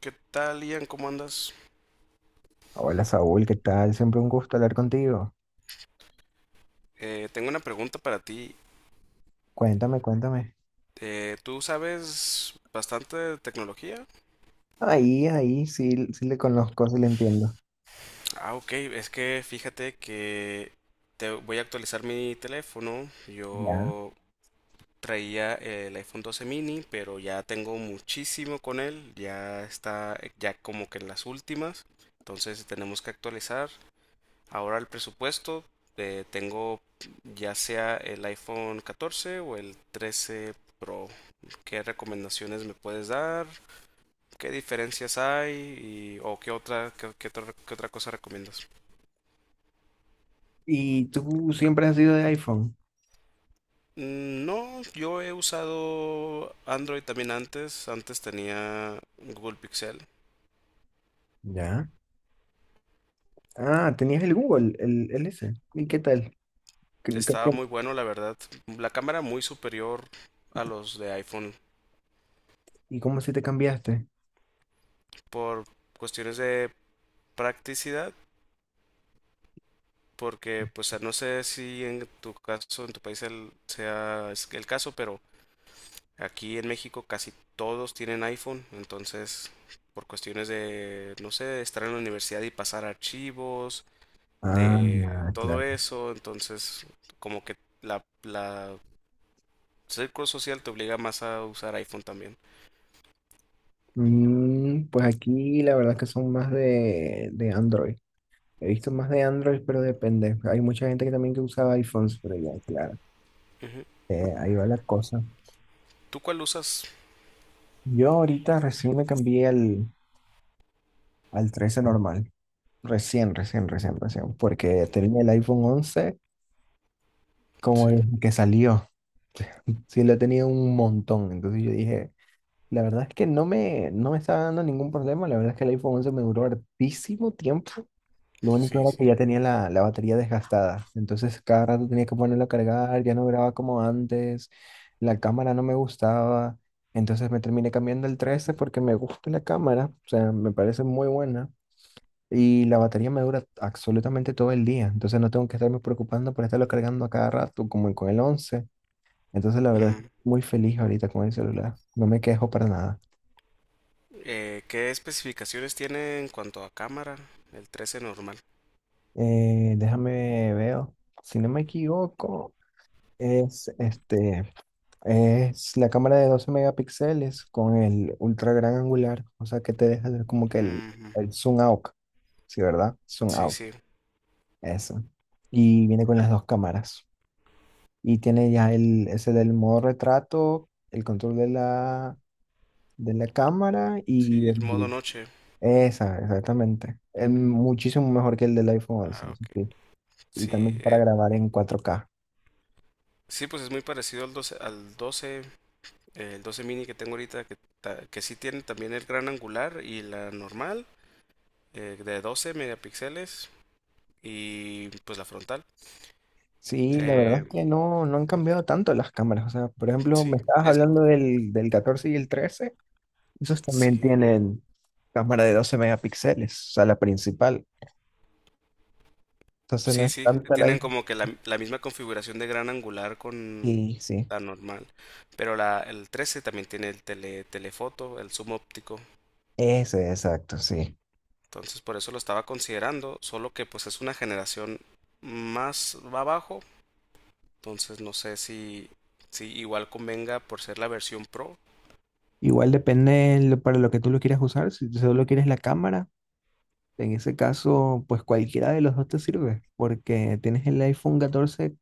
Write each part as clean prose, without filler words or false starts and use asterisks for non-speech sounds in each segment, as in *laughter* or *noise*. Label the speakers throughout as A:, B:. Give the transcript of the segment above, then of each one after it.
A: ¿Qué tal, Ian? ¿Cómo andas?
B: Hola Saúl, ¿qué tal? Siempre un gusto hablar contigo.
A: Tengo una pregunta para ti.
B: Cuéntame, cuéntame.
A: ¿Tú sabes bastante de tecnología?
B: Ahí, ahí, sí, sí le conozco, sí le entiendo.
A: Ah, ok. Es que fíjate que te voy a actualizar mi teléfono.
B: Ya.
A: Yo traía el iPhone 12 mini, pero ya tengo muchísimo con él. Ya está, ya como que en las últimas. Entonces tenemos que actualizar. Ahora el presupuesto. Tengo ya sea el iPhone 14 o el 13 Pro. ¿Qué recomendaciones me puedes dar? ¿Qué diferencias hay y, o qué otra cosa recomiendas?
B: ¿Y tú siempre has sido de iPhone?
A: Mm, no, yo he usado Android también antes tenía Google Pixel,
B: Ya. Ah, tenías el Google, el ese. ¿Y qué tal? ¿Qué- qué
A: estaba
B: fue?
A: muy bueno la verdad, la cámara muy superior a los de iPhone,
B: ¿Y cómo así te cambiaste?
A: por cuestiones de practicidad. Porque, pues, no sé si en tu caso, en tu país sea es el caso, pero aquí en México casi todos tienen iPhone, entonces por cuestiones de, no sé, de estar en la universidad y pasar archivos,
B: Ah, ya,
A: de todo
B: claro.
A: eso. Entonces como que la círculo social te obliga más a usar iPhone también.
B: Mm, pues aquí la verdad que son más de Android. He visto más de Android, pero depende. Hay mucha gente que también que usaba iPhones, pero ya, claro.
A: Ujú.
B: Ahí va la cosa.
A: ¿Tú cuál usas?
B: Yo ahorita recién me cambié al 13 normal. Recién, recién, recién, recién. Porque tenía el iPhone 11 como
A: Sí,
B: desde que salió. Sí, lo he tenido un montón. Entonces yo dije, la verdad es que no me estaba dando ningún problema. La verdad es que el iPhone 11 me duró hartísimo tiempo. Lo único
A: sí,
B: era que
A: sí.
B: ya tenía la batería desgastada. Entonces cada rato tenía que ponerlo a cargar. Ya no grababa como antes. La cámara no me gustaba. Entonces me terminé cambiando el 13 porque me gusta la cámara. O sea, me parece muy buena. Y la batería me dura absolutamente todo el día. Entonces no tengo que estarme preocupando por estarlo cargando a cada rato, como con el once. Entonces la verdad es
A: Ujú.
B: muy feliz ahorita con el celular. No me quejo para nada.
A: ¿Qué especificaciones tiene en cuanto a cámara? El 13 normal.
B: Déjame veo. Si no me equivoco, es, este, es la cámara de 12 megapíxeles con el ultra gran angular. O sea que te deja ver como que
A: Ujú.
B: el zoom out. Sí, ¿verdad? Zoom
A: Sí,
B: out.
A: sí.
B: Eso. Y viene con las dos cámaras. Y tiene ya el, ese del modo retrato, el control de de la cámara
A: Sí,
B: y
A: el modo
B: el-
A: noche.
B: esa, exactamente. Es muchísimo mejor que el del iPhone 11,
A: Ah,
B: eso
A: ok.
B: sí. Y
A: Sí,
B: también para grabar en 4K.
A: sí, pues es muy parecido al doce, el 12 mini que tengo ahorita, que sí tiene también el gran angular y la normal, de 12 megapíxeles y pues la frontal.
B: Sí, la verdad
A: Eh,
B: es que no han cambiado tanto las cámaras. O sea, por ejemplo, me
A: sí,
B: estabas
A: es,
B: hablando del 14 y el trece. Esos también
A: sí,
B: tienen cámara de 12 megapíxeles, o sea, la principal. Entonces no
A: sí,
B: es
A: sí,
B: tanta la
A: tienen
B: diferencia.
A: como que la misma configuración de gran angular con
B: Sí, sí.
A: la normal, pero el 13 también tiene telefoto, el zoom óptico.
B: Ese, exacto, sí.
A: Entonces por eso lo estaba considerando, solo que pues es una generación más abajo. Entonces no sé si igual convenga por ser la versión Pro.
B: Igual depende lo- para lo que tú lo quieras usar. Si tú solo quieres la cámara, en ese caso, pues cualquiera de los dos te sirve, porque tienes el iPhone 14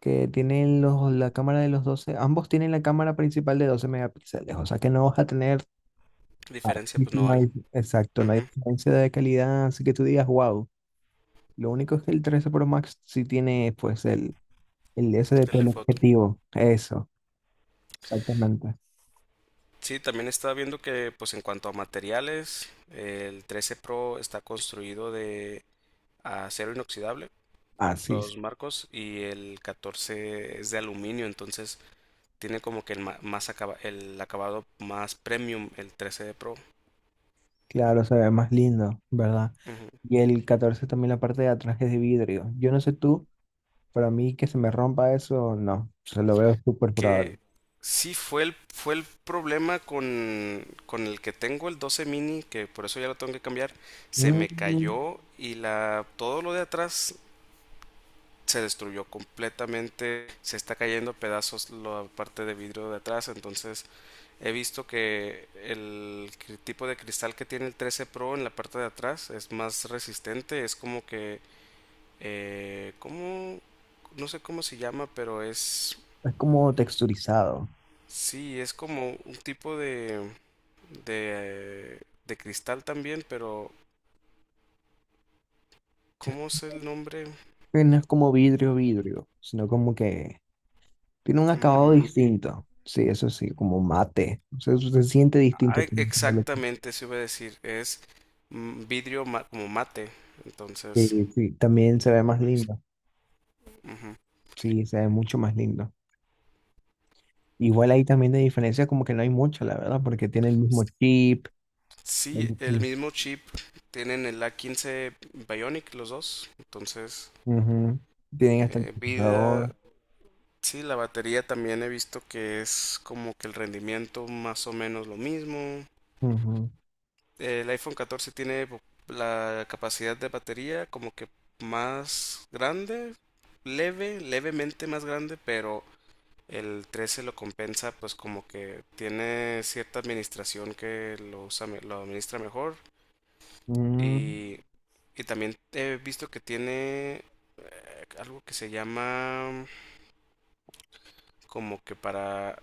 B: que tiene los, la cámara de los doce. Ambos tienen la cámara principal de 12 megapíxeles, o sea que no vas a tener,
A: Diferencia pues no
B: no
A: hay.
B: hay- exacto, no hay
A: Ujú.
B: diferencia de calidad, así que tú digas, wow. Lo único es que el 13 Pro Max sí tiene, pues, el SDP, el
A: Telefoto.
B: objetivo. Eso, exactamente.
A: Sí, también estaba viendo que pues en cuanto a materiales, el 13 Pro está construido de acero inoxidable,
B: Así, es.
A: los marcos, y el 14 es de aluminio. Entonces tiene como que el acabado más premium, el 13 de Pro.
B: Claro, se ve más lindo, ¿verdad?
A: Ujú.
B: Y el 14 también la parte de atrás es de vidrio. Yo no sé tú, pero a mí que se me rompa eso, no. Se lo veo súper probable.
A: Que sí fue el problema con el que tengo, el 12 mini, que por eso ya lo tengo que cambiar. Se me
B: Mm,
A: cayó y todo lo de atrás se destruyó completamente, se está cayendo a pedazos la parte de vidrio de atrás. Entonces he visto que el tipo de cristal que tiene el 13 Pro en la parte de atrás es más resistente, es como que, ¿cómo? No sé cómo se llama, pero es.
B: es como texturizado.
A: Sí, es como un tipo de, de cristal también, pero ¿cómo es el nombre?
B: Que no es como vidrio, vidrio, sino como que tiene un acabado
A: Ujú.
B: distinto. Sí, eso sí, como mate. O sea, eso se siente
A: Ah,
B: distinto. También de lo que-
A: exactamente, se iba a decir. Es, vidrio como mate. Entonces,
B: sí, sí, también se ve más
A: es-
B: lindo.
A: ujú.
B: Sí, se ve mucho más lindo. Igual ahí también de diferencia como que no hay mucho, la verdad, porque tiene el mismo chip. El
A: Sí, el
B: mismo-
A: mismo chip. Tienen el A15 Bionic los dos. Entonces,
B: ujú. Tienen hasta el
A: vida.
B: procesador.
A: Sí, la batería también he visto que es como que el rendimiento más o menos lo mismo.
B: Ujú.
A: El iPhone 14 tiene la capacidad de batería como que más grande, levemente más grande, pero el 13 lo compensa, pues como que tiene cierta administración que lo usa, lo administra mejor.
B: Mm,
A: Y, y también he visto que tiene algo que se llama como que para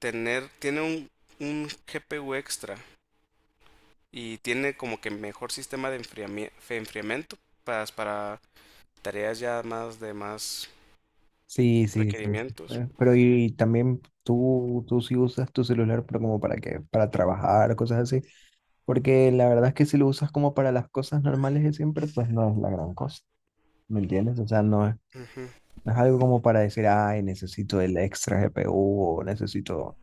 A: tener, tiene un GPU extra, y tiene como que mejor sistema de enfriamiento para tareas ya más de más
B: sí, sí, sí. Sí.
A: requerimientos.
B: Pero y también tú sí usas tu celular, pero como para qué, para trabajar, cosas así. Porque la verdad es que si lo usas como para las cosas normales de siempre, pues no es la gran cosa. ¿Me entiendes? O sea, no es,
A: Ujú,
B: no es algo como para decir, ay, necesito el extra GPU o necesito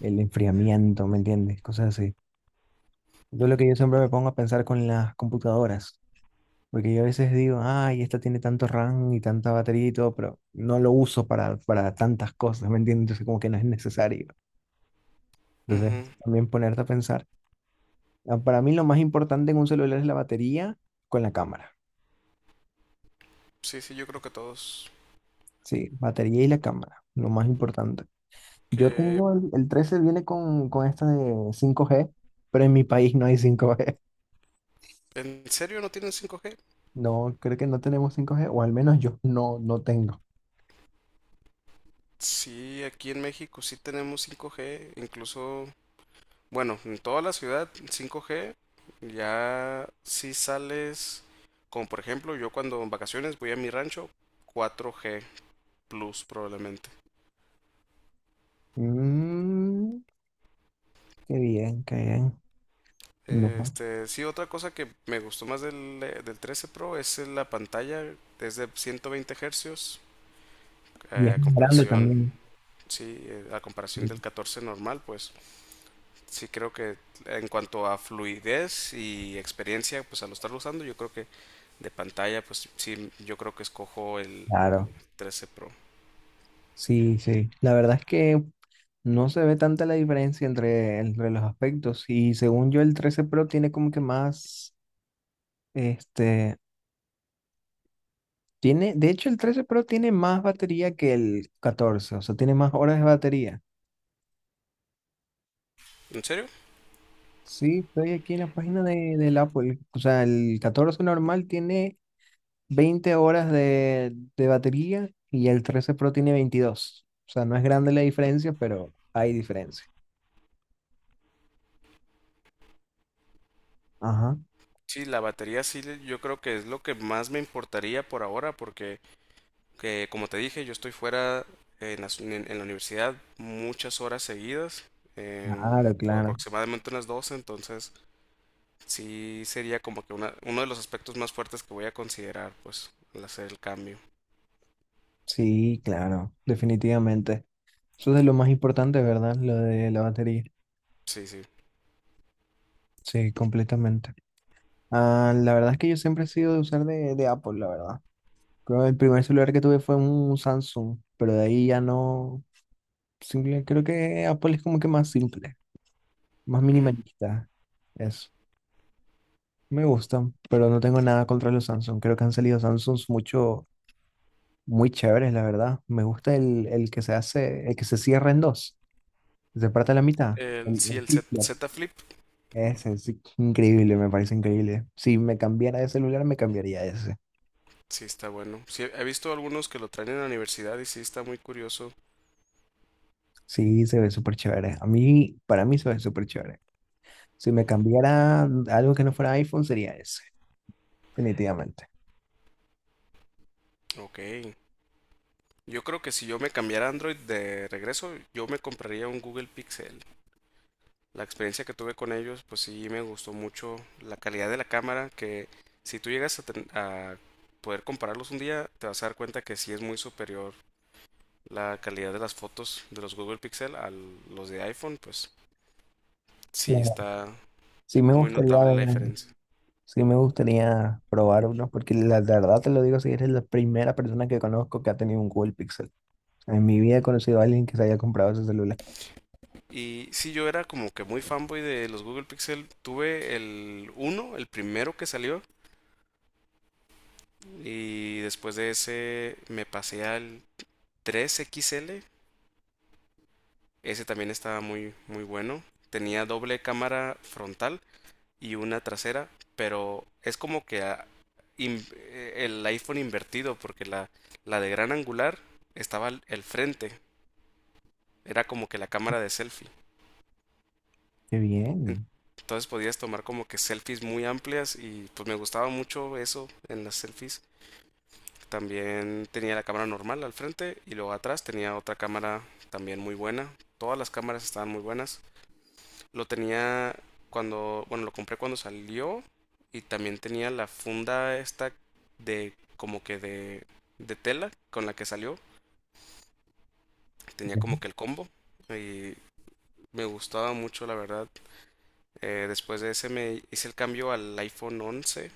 B: el enfriamiento, ¿me entiendes? Cosas así. Eso es lo que yo siempre me pongo a pensar con las computadoras. Porque yo a veces digo, ay, esta tiene tanto RAM y tanta batería y todo, pero no lo uso para tantas cosas, ¿me entiendes? Entonces como que no es necesario. Entonces
A: ujú.
B: también ponerte a pensar. Ah, para mí lo más importante en un celular es la batería con la cámara.
A: Sí, sí, yo creo que todos.
B: Sí, batería y la cámara, lo más importante. Yo
A: ¿Que
B: tengo el 13 viene con esta de 5G, pero en mi país no hay 5G.
A: en serio no tienen 5G?
B: *laughs* No, creo que no tenemos 5G o al menos yo no, no tengo.
A: Sí, aquí en México sí tenemos 5G, incluso, bueno, en toda la ciudad 5G. Ya si sales, como por ejemplo, yo cuando en vacaciones voy a mi rancho, 4G Plus probablemente.
B: Mm, qué bien, qué bien. No,
A: Este, sí, otra cosa que me gustó más del 13 Pro es la pantalla, es de 120 Hz
B: y es más grande
A: comparación,
B: también.
A: sí, a comparación del 14 normal. Pues sí creo que en cuanto a fluidez y experiencia, pues al estarlo usando, yo creo que de pantalla, pues sí, yo creo que escojo el
B: Claro,
A: 13 Pro.
B: sí, sí. La verdad es que no se ve tanta la diferencia entre, entre los aspectos. Y según yo, el 13 Pro tiene como que más, este, tiene, de hecho, el 13 Pro tiene más batería que el 14, o sea, tiene más horas de batería.
A: ¿En serio?
B: Sí, estoy aquí en la página del Apple. O sea, el 14 normal tiene 20 horas de batería y el 13 Pro tiene 22. O sea, no es grande la diferencia, pero hay diferencia. Ajá,
A: Sí, la batería sí, yo creo que es lo que más me importaría por ahora, porque, como te dije, yo estoy fuera en la universidad muchas horas seguidas, eh,
B: claro,
A: pues,
B: claro.
A: aproximadamente unas 12. Entonces sí sería como que uno de los aspectos más fuertes que voy a considerar, pues, al hacer el cambio.
B: Sí, claro, definitivamente. Eso es de lo más importante, ¿verdad? Lo de la batería.
A: Sí, sí.
B: Sí, completamente. Ah, la verdad es que yo siempre he sido de usar de Apple, la verdad. Creo que el primer celular que tuve fue un Samsung, pero de ahí ya no. Simple, creo que Apple es como que más simple, más
A: Ujú.
B: minimalista. Eso. Me gustan, pero no tengo nada contra los Samsung. Creo que han salido Samsungs mucho, muy chéveres, la verdad. Me gusta el que se hace, el que se cierra en dos, se parte a la mitad.
A: El, sí,
B: El
A: el Z,
B: flip-flop.
A: Z Flip,
B: Ese es increíble, me parece increíble. Si me cambiara de celular, me cambiaría ese.
A: sí está bueno. Sí, he visto algunos que lo traen en la universidad y sí está muy curioso.
B: Sí, se ve súper chévere. A mí, para mí se ve súper chévere. Si me cambiara algo que no fuera iPhone, sería ese, definitivamente.
A: Ok. Yo creo que si yo me cambiara a Android de regreso, yo me compraría un Google Pixel. La experiencia que tuve con ellos, pues sí me gustó mucho la calidad de la cámara, que si tú llegas a poder compararlos un día, te vas a dar cuenta que sí es muy superior la calidad de las fotos de los Google Pixel a los de iPhone, pues sí
B: Claro.
A: está
B: Sí me
A: muy
B: gustaría
A: notable la
B: ver,
A: diferencia.
B: sí me gustaría probar uno, porque la verdad te lo digo, si eres la primera persona que conozco que ha tenido un Google Pixel. En mi vida he conocido a alguien que se haya comprado ese celular.
A: Y sí, yo era como que muy fanboy de los Google Pixel. Tuve el 1, el primero que salió, y después de ese me pasé al 3 XL. Ese también estaba muy, muy bueno. Tenía doble cámara frontal y una trasera, pero es como que el iPhone invertido, porque la de gran angular estaba el frente, era como que la cámara de selfie.
B: Qué
A: En-
B: bien.
A: Entonces podías tomar como que selfies muy amplias y pues me gustaba mucho eso en las selfies. También tenía la cámara normal al frente y luego atrás tenía otra cámara también muy buena. Todas las cámaras estaban muy buenas. Lo tenía cuando, bueno, lo compré cuando salió, y también tenía la funda esta de como que de tela con la que salió. Tenía
B: Ujú.
A: como que el combo y me gustaba mucho, la verdad. Después de ese me hice el cambio al iPhone 11,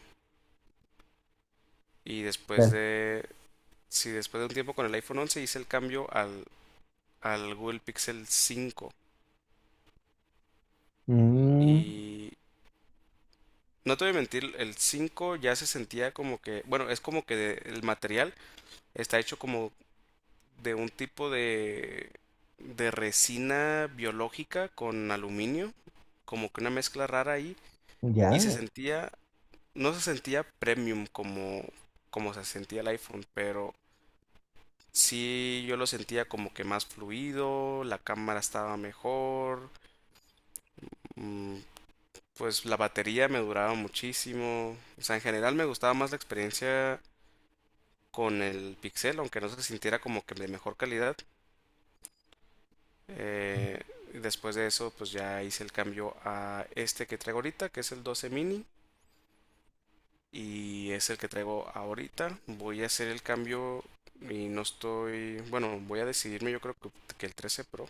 A: y
B: Claro.
A: sí, después de un tiempo con el iPhone 11 hice el cambio al Google Pixel 5,
B: Mm,
A: y no te voy a mentir, el 5 ya se sentía como que, bueno, es como que el material está hecho como de un tipo de resina biológica con aluminio, como que una mezcla rara ahí, y
B: ya,
A: no se sentía premium como se sentía el iPhone, pero sí yo lo sentía como que más fluido, la cámara estaba mejor, mm, pues la batería me duraba muchísimo. O sea, en general me gustaba más la experiencia con el Pixel, aunque no se sintiera como que de mejor calidad. Eh, Después de eso, pues ya hice el cambio a este que traigo ahorita, que es el 12 mini. Y es el que traigo ahorita. Voy a hacer el cambio, y no estoy. Bueno, voy a decidirme yo creo que, el 13 Pro.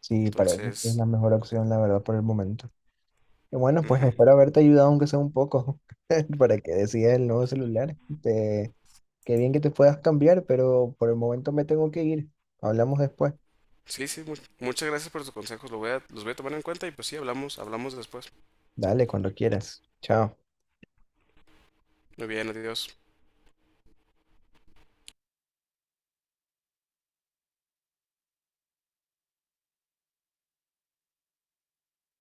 B: sí, parece que es
A: Entonces.
B: la mejor opción, la verdad, por el momento. Bueno, pues
A: Ujú.
B: espero haberte ayudado aunque sea un poco *laughs* para que decidas el nuevo celular. Te- qué bien que te puedas cambiar, pero por el momento me tengo que ir. Hablamos después.
A: Sí, sí, muchas gracias por tus consejos. Los voy a tomar en cuenta y pues sí, hablamos, hablamos después.
B: Dale, cuando quieras. Chao.
A: Muy bien, adiós.